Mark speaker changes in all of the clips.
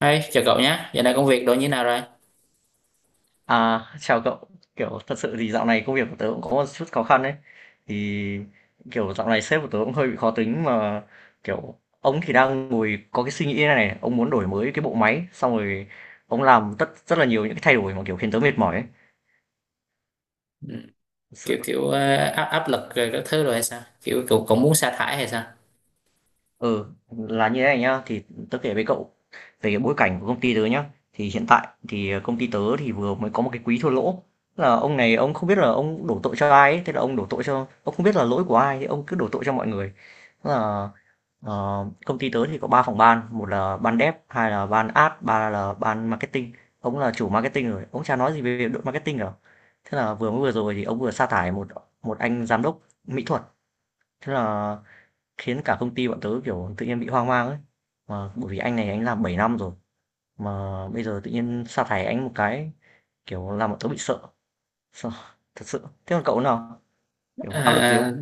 Speaker 1: Hey, chào cậu nhé. Giờ này công việc đồ như nào rồi?
Speaker 2: À, chào cậu. Kiểu thật sự thì dạo này công việc của tớ cũng có một chút khó khăn ấy. Thì kiểu dạo này sếp của tớ cũng hơi bị khó tính mà kiểu ông thì đang ngồi có cái suy nghĩ này này, ông muốn đổi mới cái bộ máy xong rồi ông làm tất rất là nhiều những cái thay đổi mà kiểu khiến tớ mệt mỏi
Speaker 1: Ừ. Kiểu
Speaker 2: ấy.
Speaker 1: kiểu ờ, áp áp lực rồi các thứ rồi hay sao? Kiểu cậu cũng muốn sa thải hay sao?
Speaker 2: Ừ, là như thế này nhá, thì tớ kể với cậu về cái bối cảnh của công ty tớ nhá. Thì hiện tại thì công ty tớ thì vừa mới có một cái quý thua lỗ. Tức là ông này ông không biết là ông đổ tội cho ai ấy, thế là ông đổ tội cho ông không biết là lỗi của ai, thì ông cứ đổ tội cho mọi người. Tức là công ty tớ thì có 3 phòng ban, một là ban dev, hai là ban ad, ba là ban marketing. Ông là chủ marketing rồi, ông chả nói gì về đội marketing cả. Thế là vừa mới vừa rồi thì ông vừa sa thải một một anh giám đốc mỹ thuật. Thế là khiến cả công ty bọn tớ, kiểu, tự nhiên bị hoang mang ấy. Mà bởi vì anh này anh làm 7 năm rồi, mà bây giờ tự nhiên sa thải anh một cái, kiểu, làm bọn tớ bị sợ, sợ thật sự. Thế còn cậu nào? Kiểu, áp lực gì
Speaker 1: À,
Speaker 2: không?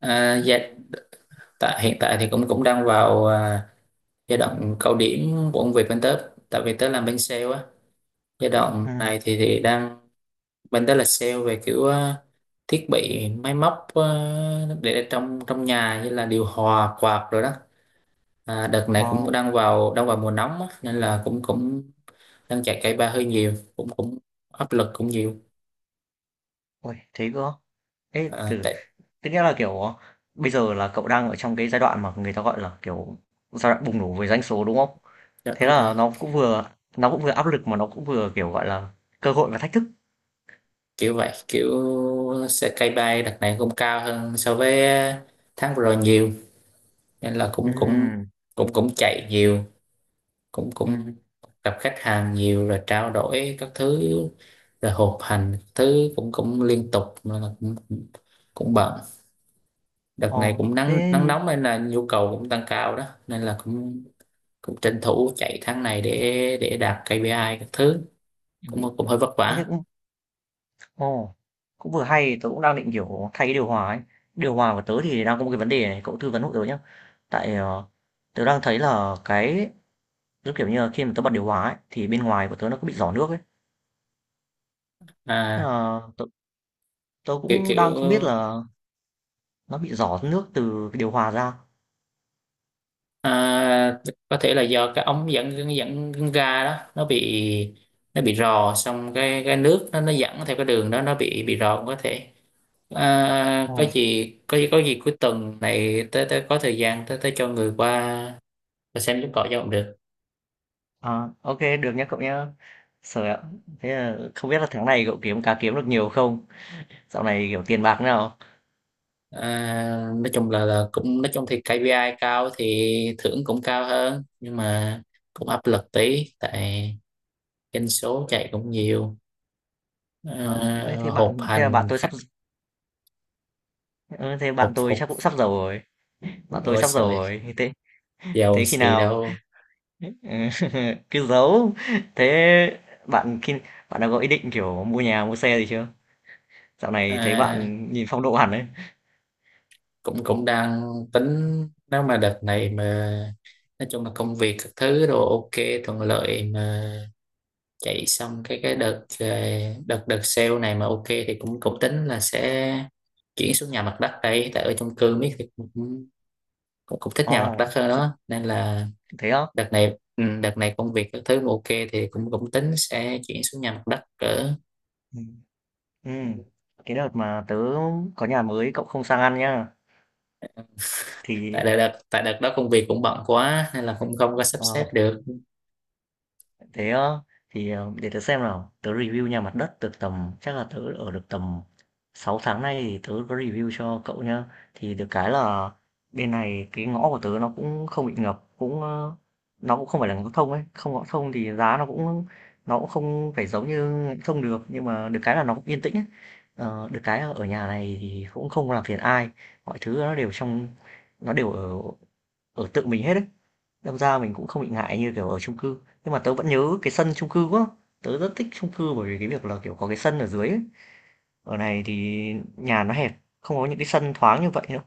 Speaker 1: dạ, tại hiện tại thì cũng cũng đang vào giai đoạn cao điểm của công việc bên tớ. Tại vì tớ làm bên sale á. Giai đoạn
Speaker 2: Ừ,
Speaker 1: này thì đang bên tớ là sale về kiểu thiết bị máy móc để trong trong nhà như là điều hòa quạt rồi đó. À, đợt này
Speaker 2: ờ,
Speaker 1: cũng đang vào mùa nóng á, nên là cũng cũng đang chạy cây ba hơi nhiều cũng cũng áp lực cũng nhiều.
Speaker 2: ôi, thế cơ á? Ê,
Speaker 1: À, tại
Speaker 2: tức nghĩa là, kiểu, bây giờ là cậu đang ở trong cái giai đoạn mà người ta, gọi là, kiểu, giai đoạn bùng nổ về doanh số, đúng không?
Speaker 1: dạ,
Speaker 2: Thế
Speaker 1: đúng rồi.
Speaker 2: là nó cũng vừa áp lực mà nó cũng vừa, kiểu, gọi là, cơ hội và thách thức.
Speaker 1: Kiểu vậy kiểu xe cây bay đợt này cũng cao hơn so với tháng vừa rồi nhiều nên là
Speaker 2: Ừ,
Speaker 1: cũng cũng cũng cũng chạy nhiều cũng
Speaker 2: ừ,
Speaker 1: cũng gặp khách hàng nhiều rồi trao đổi các thứ rồi họp hành thứ cũng cũng liên tục nên là cũng cũng cũng bận. Đợt
Speaker 2: ờ,
Speaker 1: này cũng nắng
Speaker 2: thế
Speaker 1: nắng
Speaker 2: như
Speaker 1: nóng nên là nhu cầu cũng tăng cao đó nên là cũng cũng tranh thủ chạy tháng này để đạt KPI các thứ
Speaker 2: ừm,
Speaker 1: cũng cũng hơi vất
Speaker 2: thế thì
Speaker 1: vả.
Speaker 2: cũng ồ, cũng vừa hay, tớ cũng đang định, kiểu, thay cái điều hòa ấy. Điều hòa của tớ thì đang có một cái vấn đề này, cậu tư vấn hộ tớ nhá. Tại, tớ đang thấy là cái giống kiểu như là, khi mà tớ bật điều hòa ấy, thì bên ngoài của tớ nó cứ bị rỏ nước ấy. Thế
Speaker 1: à
Speaker 2: là tớ tớ
Speaker 1: kiểu
Speaker 2: cũng
Speaker 1: kiểu
Speaker 2: đang không biết là nó bị rỏ nước từ cái điều hòa ra.
Speaker 1: à, có thể là do cái ống dẫn dẫn dẫn ra đó nó bị rò xong cái nước nó dẫn theo cái đường đó nó bị rò cũng có thể. À, có
Speaker 2: Ồ,
Speaker 1: gì có gì có gì cuối tuần này tới tới có thời gian tới tới cho người qua và xem giúp cọ cho cũng được.
Speaker 2: à, ô được nhá cậu nhá. Sợ ạ, thế là không biết là tháng này cậu kiếm được nhiều không? Dạo này, kiểu, tiền bạc thế nào?
Speaker 1: À, nói chung là cũng nói chung thì KPI cao thì thưởng cũng cao hơn nhưng mà cũng áp lực tí tại doanh số chạy cũng nhiều. À,
Speaker 2: Ờ, thế
Speaker 1: họp
Speaker 2: bạn thế là bạn
Speaker 1: hành
Speaker 2: tôi sắp
Speaker 1: khách
Speaker 2: d thế
Speaker 1: hộp
Speaker 2: bạn tôi
Speaker 1: phục.
Speaker 2: chắc cũng sắp giàu rồi, bạn tôi
Speaker 1: Ôi
Speaker 2: sắp giàu
Speaker 1: trời,
Speaker 2: rồi, thế
Speaker 1: giàu
Speaker 2: thế khi
Speaker 1: gì
Speaker 2: nào
Speaker 1: đâu.
Speaker 2: cứ giấu. Thế bạn khi bạn đã có ý định, kiểu, mua nhà, mua xe gì chưa? Dạo này thấy
Speaker 1: À,
Speaker 2: bạn nhìn phong độ hẳn đấy.
Speaker 1: cũng cũng đang tính nếu mà đợt này mà nói chung là công việc các thứ đồ ok, thuận lợi mà chạy xong cái đợt đợt đợt sale này mà ok thì cũng cũng tính là sẽ chuyển xuống nhà mặt đất đây tại ở chung cư biết thì cũng, cũng thích nhà mặt đất
Speaker 2: Ồ,
Speaker 1: hơn
Speaker 2: ch
Speaker 1: đó nên là
Speaker 2: Thế á?
Speaker 1: đợt này. Ừ, đợt này công việc các thứ mà ok thì cũng cũng tính sẽ chuyển xuống nhà mặt đất cỡ.
Speaker 2: Ừm, ừm. Cái đợt mà tớ có nhà mới, cậu không sang ăn nhá.
Speaker 1: tại
Speaker 2: Thì
Speaker 1: đợt đợt- tại đợt đó công việc cũng bận quá nên là cũng không có sắp
Speaker 2: ờ.
Speaker 1: xếp được.
Speaker 2: Thế á, thì, để tớ xem nào, tớ review nhà mặt đất được tầm chắc là tớ ở được tầm 6 tháng nay thì tớ có review cho cậu nhá. Thì được cái là bên này cái ngõ của tớ nó cũng không bị ngập, cũng nó cũng không phải là ngõ thông ấy, không ngõ thông thì giá nó cũng không phải giống như ngõ thông được, nhưng mà được cái là nó cũng yên tĩnh ấy. Ờ, được cái là ở nhà này thì cũng không làm phiền ai, mọi thứ nó đều ở ở tự mình hết ấy. Đâm ra mình cũng không bị ngại như, kiểu, ở chung cư. Nhưng mà tớ vẫn nhớ cái sân chung cư quá, tớ rất thích chung cư bởi vì cái việc là, kiểu, có cái sân ở dưới ấy. Ở này thì nhà nó hẹp, không có những cái sân thoáng như vậy nữa.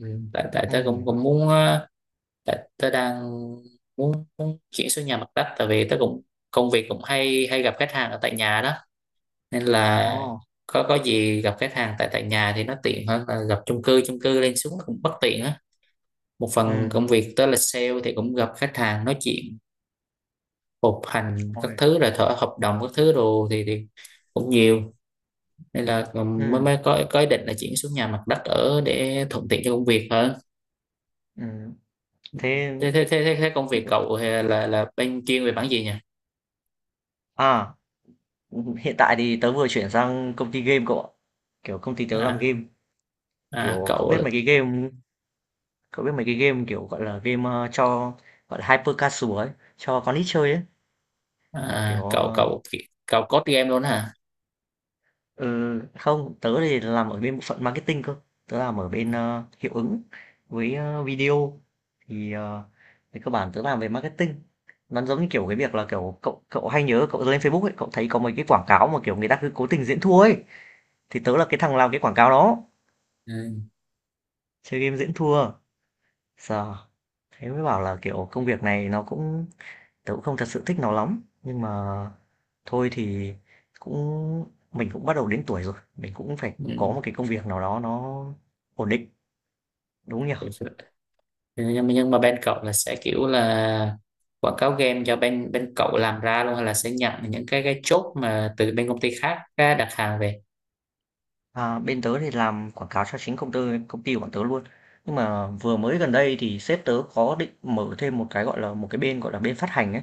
Speaker 1: Ừ, tại tại
Speaker 2: Ừ,
Speaker 1: tớ cũng cũng muốn. Tại tớ đang muốn, muốn chuyển xuống nhà mặt đất tại vì tớ cũng công việc cũng hay hay gặp khách hàng ở tại nhà đó nên
Speaker 2: ồ,
Speaker 1: là có gì gặp khách hàng tại tại nhà thì nó tiện hơn là gặp chung cư lên xuống nó cũng bất tiện á. Một phần
Speaker 2: ừ,
Speaker 1: công việc tớ là sale thì cũng gặp khách hàng nói chuyện họp hành các
Speaker 2: ôi,
Speaker 1: thứ rồi thở hợp đồng các thứ đồ thì cũng nhiều nên là mới
Speaker 2: ừ,
Speaker 1: mới có ý định là chuyển xuống nhà mặt đất ở để thuận tiện cho công việc hơn.
Speaker 2: ừm, thế
Speaker 1: Thế thế thế thế thế công việc cậu là bên chuyên về mảng gì nhỉ?
Speaker 2: à, hiện tại thì tớ vừa chuyển sang công ty game cậu ạ. Kiểu, công ty tớ làm
Speaker 1: À,
Speaker 2: game,
Speaker 1: à
Speaker 2: kiểu,
Speaker 1: cậu,
Speaker 2: cậu biết mấy cái game, kiểu, gọi là, game, cho, gọi là, hyper casual ấy, cho con nít chơi ấy, kiểu,
Speaker 1: à, cậu
Speaker 2: ờ
Speaker 1: cậu cậu code game luôn hả?
Speaker 2: Ừ, không, tớ thì làm ở bên bộ phận marketing cơ. Tớ làm ở bên hiệu ứng với video thì về cơ bản tớ làm về marketing. Nó giống như kiểu cái việc là kiểu cậu cậu hay nhớ cậu lên Facebook ấy, cậu thấy có mấy cái quảng cáo mà kiểu người ta cứ cố tình diễn thua ấy thì tớ là cái thằng làm cái quảng cáo đó,
Speaker 1: Ừ.
Speaker 2: chơi game diễn thua. Sợ thế mới bảo là kiểu công việc này nó cũng tớ cũng không thật sự thích nó lắm nhưng mà thôi thì cũng mình cũng bắt đầu đến tuổi rồi, mình cũng phải
Speaker 1: Ừ.
Speaker 2: có một cái công việc nào đó nó ổn định, đúng không nhỉ?
Speaker 1: Thực sự- nhưng mà bên cậu là sẽ kiểu là quảng cáo game do bên bên cậu làm ra luôn hay là sẽ nhận những cái chốt mà từ bên công ty khác á, đặt hàng về?
Speaker 2: À, bên tớ thì làm quảng cáo cho chính công ty của bọn tớ luôn. Nhưng mà vừa mới gần đây thì sếp tớ có định mở thêm một cái, gọi là, một cái bên, gọi là, bên phát hành ấy,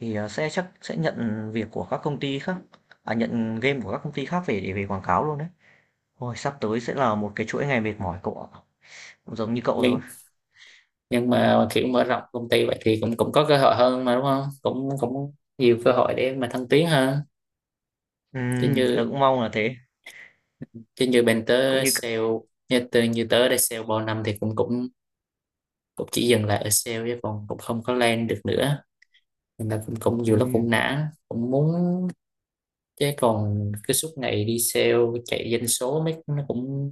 Speaker 2: thì, chắc sẽ nhận việc của các công ty khác à, nhận game của các công ty khác về để về quảng cáo luôn đấy. Ôi, sắp tới sẽ là một cái chuỗi ngày mệt mỏi cậu ạ, cũng giống như cậu rồi.
Speaker 1: Nhưng mà kiểu mở rộng công ty vậy thì cũng cũng có cơ hội hơn mà đúng không, cũng cũng nhiều cơ hội để mà thăng tiến hơn. chứ
Speaker 2: Tớ
Speaker 1: như
Speaker 2: cũng mong là thế,
Speaker 1: chứ như bên
Speaker 2: cũng
Speaker 1: tớ
Speaker 2: như
Speaker 1: sale,
Speaker 2: c
Speaker 1: như từ như tớ đây sale bao năm thì cũng cũng cũng chỉ dừng lại ở sale chứ còn cũng không có lên được nữa nên là cũng, cũng nhiều lúc cũng
Speaker 2: ừm,
Speaker 1: nản cũng muốn. Chứ còn cứ suốt ngày đi sale chạy doanh số mấy nó cũng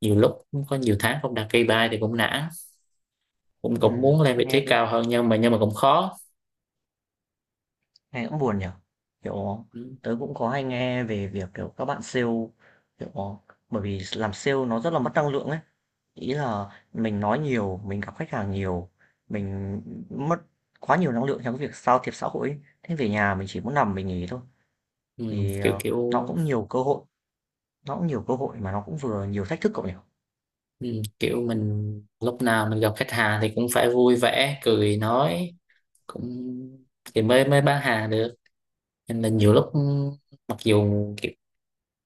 Speaker 1: nhiều lúc cũng có nhiều tháng không đạt KPI thì cũng nản, cũng cũng muốn lên vị
Speaker 2: nghe
Speaker 1: trí
Speaker 2: cũng
Speaker 1: cao hơn nhưng mà cũng khó.
Speaker 2: nghe cũng buồn nhỉ? Kiểu,
Speaker 1: Ừ,
Speaker 2: tớ cũng có hay nghe về việc, kiểu, các bạn sale, kiểu bởi vì làm sale nó rất là mất năng lượng ấy. Ý là mình nói nhiều, mình gặp khách hàng nhiều, mình mất quá nhiều năng lượng trong cái việc giao thiệp xã hội ấy. Thế về nhà mình chỉ muốn nằm mình nghỉ thôi.
Speaker 1: ừ,
Speaker 2: Thì,
Speaker 1: kiểu kiểu,
Speaker 2: nó cũng nhiều cơ hội, nó cũng nhiều cơ hội mà nó cũng vừa nhiều thách thức cậu nhỉ?
Speaker 1: ừ, kiểu mình lúc nào mình gặp khách hàng thì cũng phải vui vẻ cười nói cũng thì mới mới bán hàng được nên là nhiều lúc mặc dù kiểu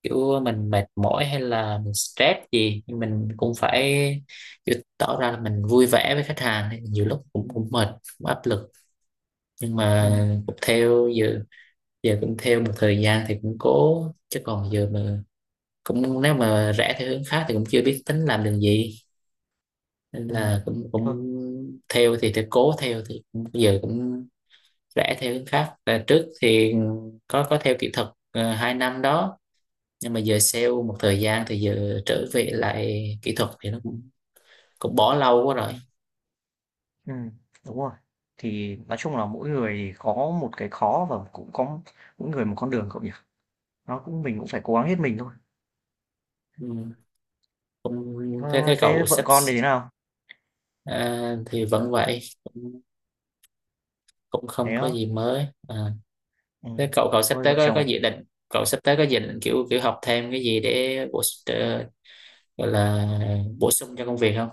Speaker 1: kiểu mình mệt mỏi hay là mình stress gì nhưng mình cũng phải kiểu tỏ ra là mình vui vẻ với khách hàng nên nhiều lúc cũng cũng mệt cũng áp lực, nhưng
Speaker 2: Ừ,
Speaker 1: mà cũng theo giờ. Giờ cũng theo một thời gian thì cũng cố chứ còn giờ mà cũng nếu mà rẽ theo hướng khác thì cũng chưa biết tính làm đường gì nên
Speaker 2: ừ,
Speaker 1: là cũng cũng
Speaker 2: thôi,
Speaker 1: theo thì cố theo thì cũng, giờ cũng rẽ theo hướng khác. Và trước thì có theo kỹ thuật 2 năm đó, nhưng mà giờ sale một thời gian thì giờ trở về lại kỹ thuật thì nó cũng cũng bỏ lâu quá rồi.
Speaker 2: ừ, ừm, đúng rồi. Thì nói chung là mỗi người thì có một cái khó và cũng có mỗi người một con đường cậu nhỉ? Nó cũng mình cũng phải cố gắng hết mình thôi.
Speaker 1: Ừ. Cũng thế,
Speaker 2: Ơ,
Speaker 1: thế
Speaker 2: thế
Speaker 1: cậu
Speaker 2: vợ
Speaker 1: sắp,
Speaker 2: con thì thế nào?
Speaker 1: à, thì vẫn vậy cũng, cũng không
Speaker 2: Thế
Speaker 1: có
Speaker 2: á?
Speaker 1: gì mới à. Thế
Speaker 2: Ừm,
Speaker 1: cậu cậu sắp
Speaker 2: thôi
Speaker 1: tới
Speaker 2: vợ
Speaker 1: có có
Speaker 2: chồng.
Speaker 1: dự định, cậu sắp tới có dự định kiểu kiểu học thêm cái gì để bổ trợ- gọi là bổ sung cho công việc không?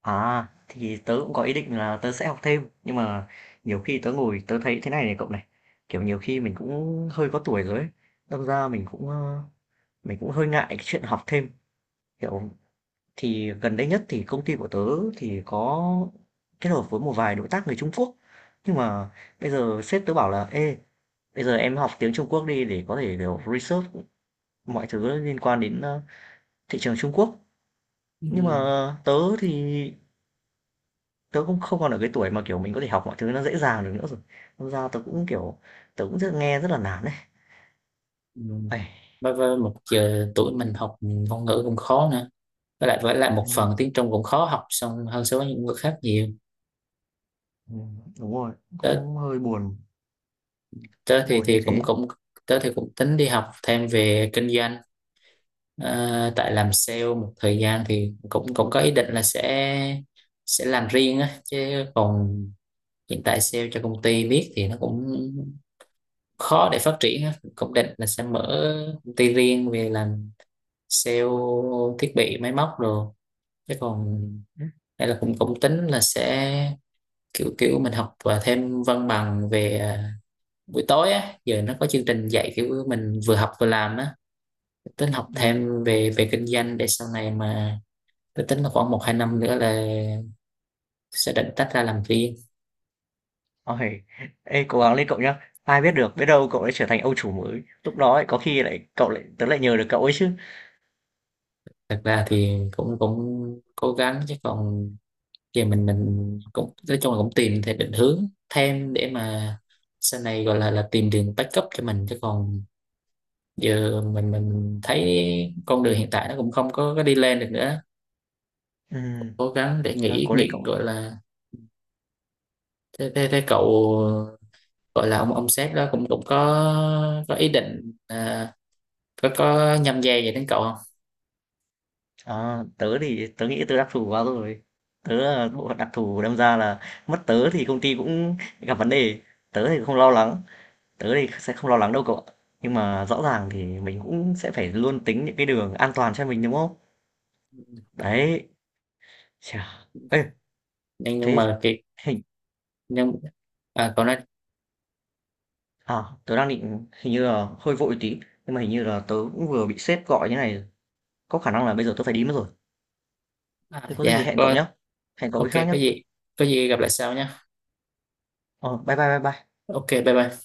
Speaker 2: À, thì tớ cũng có ý định là tớ sẽ học thêm, nhưng mà nhiều khi tớ ngồi tớ thấy thế này này cậu này, kiểu, nhiều khi mình cũng hơi có tuổi rồi ấy, đâm ra mình cũng hơi ngại cái chuyện học thêm. Kiểu, thì gần đây nhất thì công ty của tớ thì có kết hợp với một vài đối tác người Trung Quốc, nhưng mà bây giờ sếp tớ bảo là "Ê, bây giờ em học tiếng Trung Quốc đi để có thể, kiểu, research mọi thứ liên quan đến, thị trường Trung Quốc." Nhưng mà
Speaker 1: Ừ.
Speaker 2: tớ thì tớ cũng không còn ở cái tuổi mà, kiểu, mình có thể học mọi thứ nó dễ dàng được nữa rồi. Đâm ra tớ cũng, kiểu, tớ cũng nghe rất là nản đấy.
Speaker 1: Ừ.
Speaker 2: Uầy,
Speaker 1: Với một giờ tuổi mình học ngôn ngữ cũng khó nữa, với lại một
Speaker 2: ừm,
Speaker 1: phần tiếng Trung cũng khó học xong hơn so với những người khác nhiều.
Speaker 2: đúng rồi,
Speaker 1: tớ
Speaker 2: cũng
Speaker 1: tớ
Speaker 2: hơi
Speaker 1: thì
Speaker 2: buồn như
Speaker 1: thì cũng
Speaker 2: thế.
Speaker 1: cũng tớ thì cũng tính đi học thêm về kinh doanh. Ờ, tại làm sale một thời gian thì cũng cũng có ý định là sẽ làm riêng á chứ còn hiện tại sale cho công ty biết thì nó cũng khó để phát triển á, cũng định là sẽ mở công ty riêng về làm sale thiết bị máy móc rồi chứ còn
Speaker 2: Ừ,
Speaker 1: hay là cũng cũng tính là sẽ kiểu kiểu mình học và thêm văn bằng về buổi tối á giờ nó có chương trình dạy kiểu mình vừa học vừa làm á, tính học
Speaker 2: ừm,
Speaker 1: thêm về về kinh doanh để sau này mà tôi tính là khoảng một hai năm nữa là sẽ định tách ra làm riêng.
Speaker 2: uầy. Ê, cố gắng lên cậu nhá. Ai biết được, biết đâu cậu lại trở thành ông chủ mới. Lúc đó ấy, có khi lại cậu lại tớ lại nhờ được cậu ấy chứ.
Speaker 1: Thật ra thì cũng cũng cố gắng chứ còn giờ mình cũng nói chung là cũng tìm thêm định hướng thêm để mà sau này gọi là tìm đường backup cho mình chứ còn giờ mình thấy con đường hiện tại nó cũng không có, có đi lên được nữa,
Speaker 2: Ừm,
Speaker 1: cố gắng để
Speaker 2: thôi
Speaker 1: nghĩ
Speaker 2: cố lên
Speaker 1: nghĩ
Speaker 2: cậu.
Speaker 1: gọi là. Thế thế, thế cậu, gọi là ông sếp đó cũng cũng có ý định có nhâm dây vậy đến cậu không?
Speaker 2: À, tớ thì tớ nghĩ tớ đặc thù quá rồi, tớ là bộ phận đặc thù, đâm ra là mất tớ thì công ty cũng gặp vấn đề. tớ thì không lo lắng tớ thì sẽ không lo lắng đâu cậu ạ, nhưng mà rõ ràng thì mình cũng sẽ phải luôn tính những cái đường an toàn cho mình, đúng không? Đấy. Chà, ê,
Speaker 1: nhưng nhưng
Speaker 2: thế
Speaker 1: mà cái,
Speaker 2: hình
Speaker 1: nhưng à, cậu nói.
Speaker 2: à, tớ đang định hình như là hơi vội tí, nhưng mà hình như là tớ cũng vừa bị sếp gọi như này, có khả năng là bây giờ tớ phải đi mất rồi.
Speaker 1: À,
Speaker 2: Thế có gì
Speaker 1: dạ có.
Speaker 2: hẹn cậu
Speaker 1: Ok,
Speaker 2: cái khác nhé.
Speaker 1: có gì, có gì gặp lại sau nhé.
Speaker 2: Ờ bye bye bye bye
Speaker 1: Ok, bye bye.